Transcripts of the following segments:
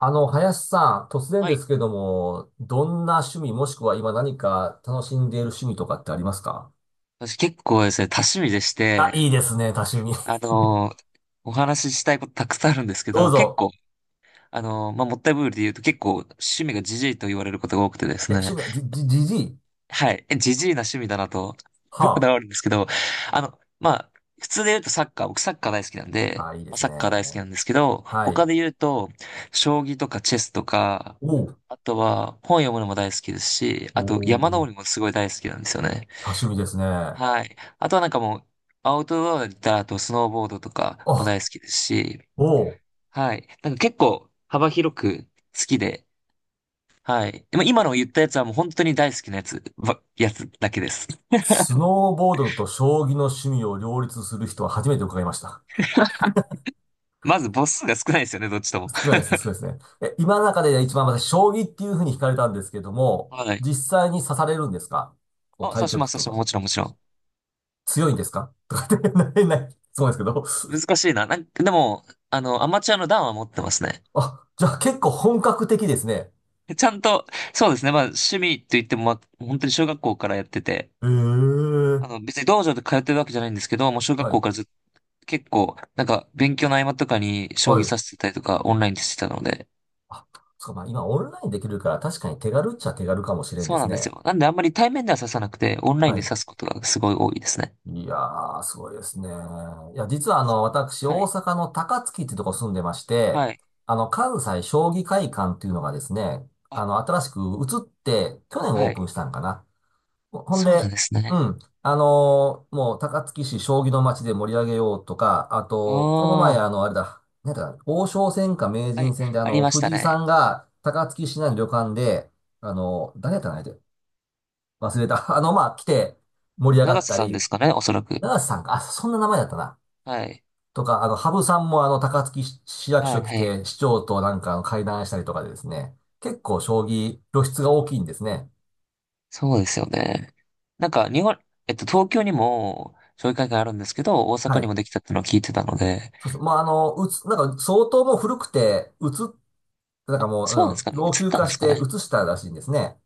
林さん、突然はでい。すけども、どんな趣味もしくは今何か楽しんでいる趣味とかってありますか？私結構ですね、多趣味でしあ、て、いいですね、多趣味。あのーお話ししたいことたくさんあるんです けどうど、結ぞ。構、まあ、もったいぶりで言うと結構趣味がジジイと言われることが多くてですえ、趣ね。味、じじい？はい。えジジイな趣味だなと、こだはわるんですけど、あの、まあ、普通で言うとサッカー、僕サッカー大好きなんあ。で、あ、いいでまあすサね。ッカー大好きなんですけど、はい。他で言うと、将棋とかチェスとか、おう。あとは本読むのも大好きですし、おあと山登りー、もすごい大好きなんですよね。多趣味ですね。あ、はい。あとはなんかもう、アウトドアだったら、あとスノーボードとかも大好きですし、おう。はい。なんか結構幅広く好きで、はい。でも今の言ったやつはもう本当に大好きなやつだけです。スノーボードと将棋の趣味を両立する人は初めて伺いました。まず母数が少ないですよね、どっちとも。少ないで すね、少ないですね。え、今の中で一番私、将棋っていうふうに惹かれたんですけども、はい。実際に指されるんですか、こうあ、対刺しま局す、刺としか？ます。もちろん、もちろん。強いんですか とかって、なれない。そうですけど。難しいな。なんか、でも、あの、アマチュアの段は持ってますね。あ、じゃあ結構本格的ですね。ちゃんと、そうですね。まあ、趣味と言っても、まあ、本当に小学校からやってて、ええ、あの、別に道場で通ってるわけじゃないんですけど、もう小学は校い。からずっ結構、なんか勉強の合間とかに将棋は指い。してたりとかオンラインでしてたので、あ、そうか、まあ今オンラインできるから確かに手軽っちゃ手軽かもしれんでそうすなんですね。よ。なんであんまり対面では指さなくて、オンラインはでい。指すことがすごい多いですね。いやー、すごいですね。いや、実はあの、私、は大い。阪の高槻っていうとこ住んでまして、はい。関西将棋会館っていうのがですね、あ、新しく移って、去年オはープンい。したんかな。ほんそうなんで、ですうね。ん。もう、高槻市将棋の街で盛り上げようとか、ああと、この前、あ、あの、あれだ、なんだか、王将戦か名は人い。戦で、ありました藤井さね。んが高槻市内の旅館で、誰やったかな、相手忘れた。まあ、来て盛り上が長っ瀬たさんでり、すかね、おそらく。長瀬さんか、あ、そんな名前だったな。はい。とか、羽生さんも、高槻市市役は所い、来はい。て、市長となんか会談したりとかでですね、結構、将棋、露出が大きいんですね。そうですよね。なんか、日本、えっと、東京にも、将棋会館あるんですけど、大は阪にい。もできたってのを聞いてたので、そうそう。まあ、なんか相当もう古くて、なんかそうなんもですう、かね、移っ老朽たん化ですしかてね。うつしたらしいんですね。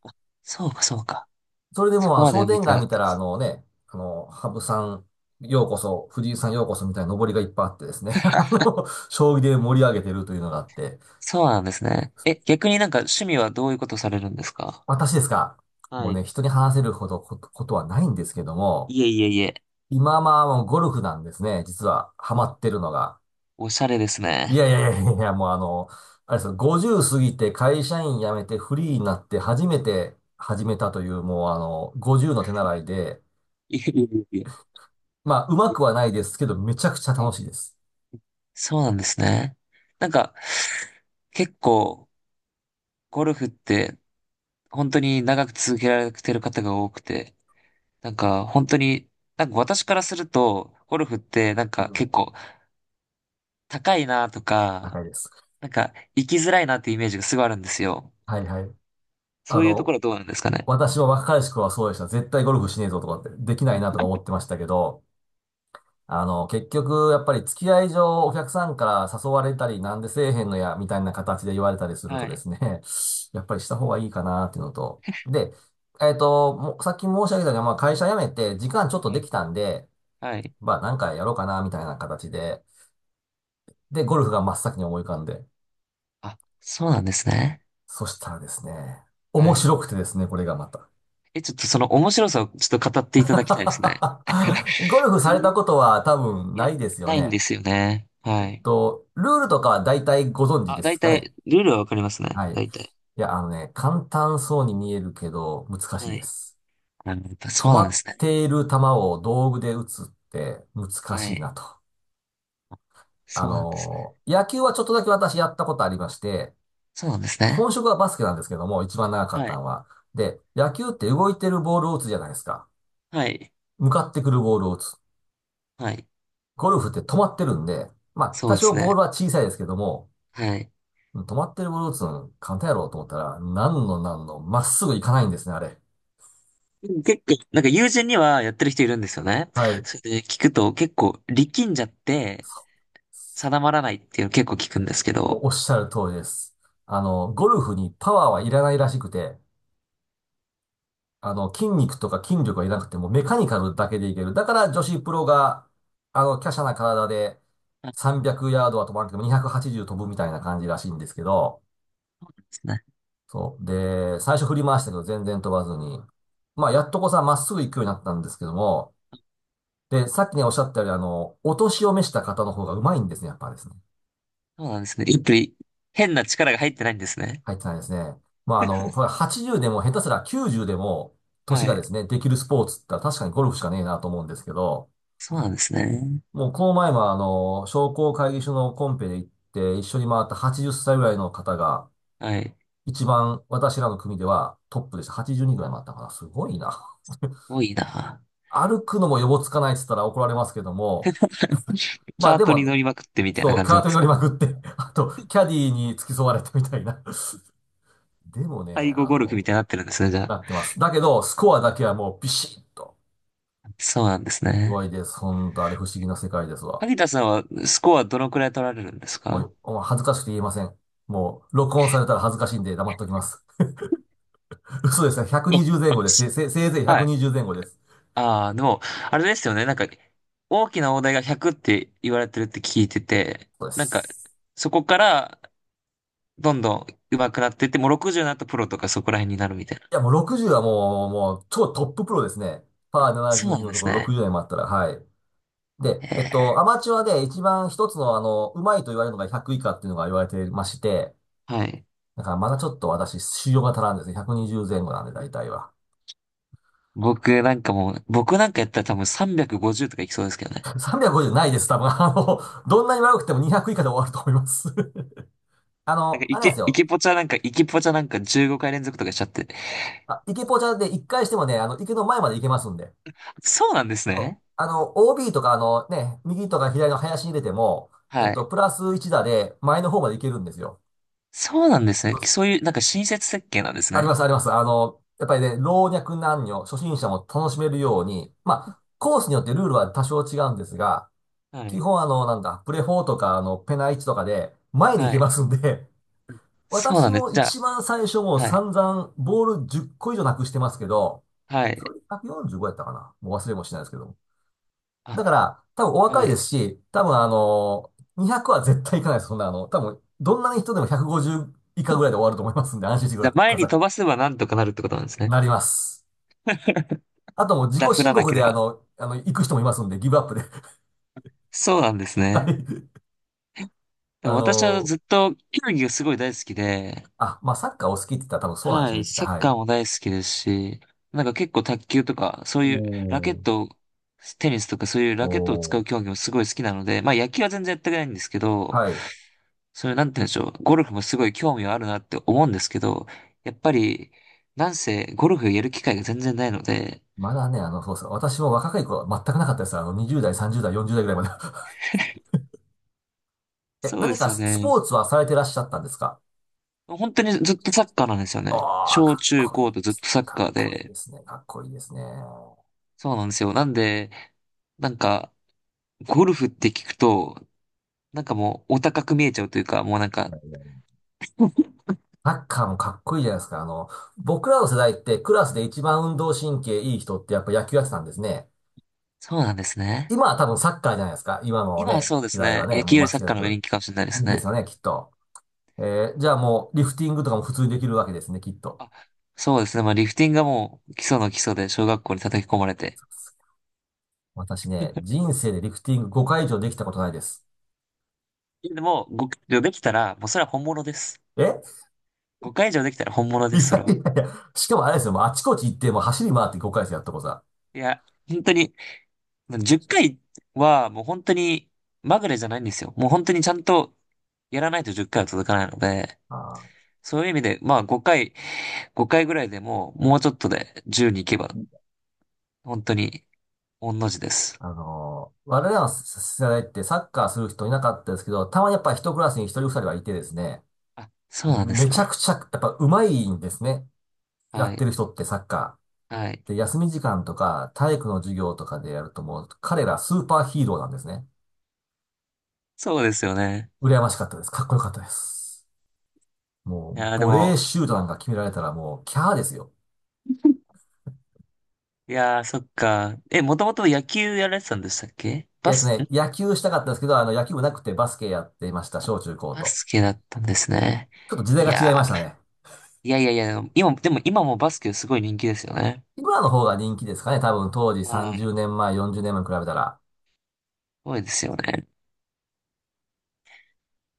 そうか、そうか。それでそもう、こま商で見店てな街かっ見たたでら、す。羽生さん、ようこそ、藤井さんようこそみたいな上りがいっぱいあってですね、将棋で盛り上げてるというのがあって、そうなんですね。え、逆になんか趣味はどういうことされるんですか？私ですか？もはうね、い。人に話せるほどことはないんですけども、いえいえいえ。今まあ、もうゴルフなんですね、実は、ハマってるのが。おしゃれですいね。やいやいやいやいや、もうあれですよ、50過ぎて会社員辞めてフリーになって初めて始めたという、もう50の手習いで、いえいえいえまあ、うまいくはえ。ないですけど、めちゃくちゃはい。楽しいです。そうなんですね。なんか、結構、ゴルフって、本当に長く続けられてる方が多くて、なんか、本当に、なんか私からすると、ゴルフって、なんうかん。結構、高いなと高か、いです。なんか、行きづらいなっていうイメージがすごいあるんですよ。はいはい。そあういうとこの、ろはどうなんですかね。私は若い頃はそうでした。絶対ゴルフしねえぞとかって、できないなとか思ってましたけど、結局、やっぱり付き合い上、お客さんから誘われたり、なんでせえへんのや、みたいな形で言われたりするとはでい。すね、やっぱりした方がいいかな、っていうのと。で、もうさっき申し上げたように、まあ、会社辞めて、時間ちょっとはでい。きたんで、はい。まあ、なんかやろうかな、みたいな形で、で、ゴルフが真っ先に思い浮かんで、あ、そうなんですね。そしたらですね、面はい。白くてですね、これがまた。え、ちょっとその面白さをちょっと語っていただきたいですね。ゴルフさどれういたことは多分いなや、いですよないんでね。すよね。はい。ルールとかは大体ご存知あ、で大すかね？体、ルールはわかりますね。はい。大体。いや、簡単そうに見えるけど、難しいはでい。す。あ、やっぱ止そうなんまでっすね。ている球を道具で打つって難はしいない。と。そうなんですね。野球はちょっとだけ私やったことありまして、そうなんですね。本職はバスケなんですけども、一番長かっはたい。のは。で、野球って動いてるボールを打つじゃないですか。はい。向かってくるボールを打つ。はい。ゴルフって止まってるんで、まあ、そう多で少すね。ボールは小さいですけども、はい。止まってるボールを打つの簡単やろうと思ったら、なんのなんの、まっすぐ行かないんですね、あれ。でも結構、なんか友人にはやってる人いるんですよね。はい。それで聞くと結構力んじゃって定まらないっていうの結構聞くんですけもうど。おっしゃる通りです。ゴルフにパワーはいらないらしくて、筋肉とか筋力はいらなくてもうメカニカルだけでいける。だから女子プロが、華奢な体ではい、300ヤードは飛ばなくても280飛ぶみたいな感じらしいんですけど、そう。で、最初振り回したけど全然飛ばずに、まあ、やっとこさ、まっすぐ行くようになったんですけども、で、さっきね、おっしゃったように、お年を召した方の方がうまいんですね、やっぱりですね。そうなんですね。やっぱり変な力が入ってないんですね。入ってないですね。まあ、これ80でも下手すら90でも、年はがでい。すね、できるスポーツって言ったら確かにゴルフしかねえなと思うんですけど、そうなんですね。もうこの前も商工会議所のコンペで行って一緒に回った80歳ぐらいの方が、はい。一番私らの組ではトップでした。82ぐらい回ったかな。すごいな。多いな。歩くのも予防つかないって言ったら怒られますけども、まあカーでトに乗も、りまくってみたいなそう、感じなカんーでトにす乗か？りまくって、あと、キャディーに付き添われてみたいな。でもね、背後ゴルフみたいになってるんですね、じゃあ。なってます。だけど、スコアだけはもうビシッと。そうなんですすごね。いです。ほんと、あれ不思議な世界ですわ。萩田さんはスコアどのくらい取られるんですか？もう恥ずかしくて言えません。もう、録音されたら恥ずかしいんで黙っときます。嘘ですね。うん、120前後です。せいぜいはい。120前後です。ああ、でも、あれですよね。なんか、大きな大台が100って言われてるって聞いてて、そうでなんか、す。そこから、どんどん上手くなってって、もう60になったプロとかそこら辺になるみたいな。いや、もう60はもう、超トッププロですね。パーそう72なんのでとこすろね。60代もあったら、はい。で、ええ、アマチュアで一番一つの、うまいと言われるのが100以下っていうのが言われてまして、はい。だからまだちょっと私、修行が足らんですね。120前後なんで、大体は。僕なんかもう、僕なんかやったら多分350とかいきそうですけどね。350ないです、多分。どんなに悪くても200以下で終わると思います。なんか、イあれなんですケ、イよ。ケポチャなんか、イケポチャなんか15回連続とかしちゃって。あ、池ポチャで1回してもね、池の前まで行けますんで。そうなんですそうね。OB とか、右とか左の林に入れても、はい。プラス1打で前の方まで行けるんですよ。そうなんですね。そうでそうす。いう、なんか親切設計なんですありまね。す、あります。やっぱりね、老若男女、初心者も楽しめるように、まあ、コースによってルールは多少違うんですが、は基い。本あの、なんだ、プレフォーとか、ペナ1とかで、前に行はけい。ますんで、そう私なんです。もじゃ一番最初もうあ、はい。散々ボール10個以上なくしてますけど、はそい。れで145やったかなもう忘れもしないですけども。あ、だから、多分お若はいでい。すし、多分200は絶対いかないです。そんな多分、どんな人でも150以下ぐらいで終わると思いますんで、安心してじゃあ、く前だにさ飛ばせばなんとかなるってことなんですい。ね。なります。あともう自ダ己フ申らな告けでれあば。の、あの、行く人もいますんで、ギブアップで。そうなんですはね。い。でもあの私はー、ずっと球技がすごい大好きで、あ、まあ、サッカーお好きって言ったら多分そうなんでしはょうい、ね、きっと。サッはカーい。も大好きですし、なんか結構卓球とか、そうおいうラケッートを、テニスとかそういうおラケットを使うー競技もすごい好きなので、まあ野球は全然やってないんですけど、はい。それなんて言うんでしょう、ゴルフもすごい興味はあるなって思うんですけど、やっぱり、なんせゴルフやる機会が全然ないので、まだね、そうそう。私も若い頃は全くなかったです。20代、30代、40代ぐらいまで。え、そうで何すかよスポね。ーツはされてらっしゃったんですか？本当にずっとサッカーなんですよね。ああー、小かっ中こいい高でとずっすとね。サッかカっーこいいで、ですね。かっこいいですね。そうなんですよ。なんで、なんか、ゴルフって聞くと、なんかもうお高く見えちゃうというか、もうなんいか、やいやサッカーもかっこいいじゃないですか。僕らの世代ってクラスで一番運動神経いい人ってやっぱ野球やってたんですね。そうなんですね。今は多分サッカーじゃないですか。今の今はね、そうで時す代はね。ね、野も球うよ間り違サいッなカーの方が人く。気かもしれないでいすいですね。よね、きっと。じゃあもう、リフティングとかも普通にできるわけですね、きっと。あ、そうですね。まあリフティングがもう基礎の基礎で小学校に叩き込まれて。私ね、人生でリフティング5回以上できたことないです。いやでも、5回以上できたら、もうそれは本物です。え 5回以上できたら本物 いでやす、それいは。やいや。しかもあれですよ、もうあちこち行って、もう走り回って5回生やったことさ。いや、本当に、10回はもう本当にまぐれじゃないんですよ。もう本当にちゃんとやらないと10回は続かないので、あそういう意味で、まあ5回、5回ぐらいでももうちょっとで10に行けば、ー、本当に御の字です。我々の世代ってサッカーする人いなかったですけど、たまにやっぱ一クラスに一人二人はいてですね、あ、そうなんでめすちゃね。くちゃ、やっぱ上手いんですね。やはってい。る人ってサッカはい。ー。で、休み時間とか体育の授業とかでやるともう彼らスーパーヒーローなんですね。そうですよね。羨ましかったです。かっこよかったです。もいう、やー、でボレも、ーシュートなんか決められたらもう、キャーですよ。いやー、そっか。え、もともと野球やられてたんでしたっけ、バス、ん、野球したかったんですけど、野球部なくてバスケやっていました、小中高バと。スケだったんですね。ちょっと時代いが違いまやしたね。ー、いやいやいや、でも今、でも今もバスケすごい人気ですよね。今の方が人気ですかね、多分当時は30い。す年前、40年前に比べたら。ごいですよね。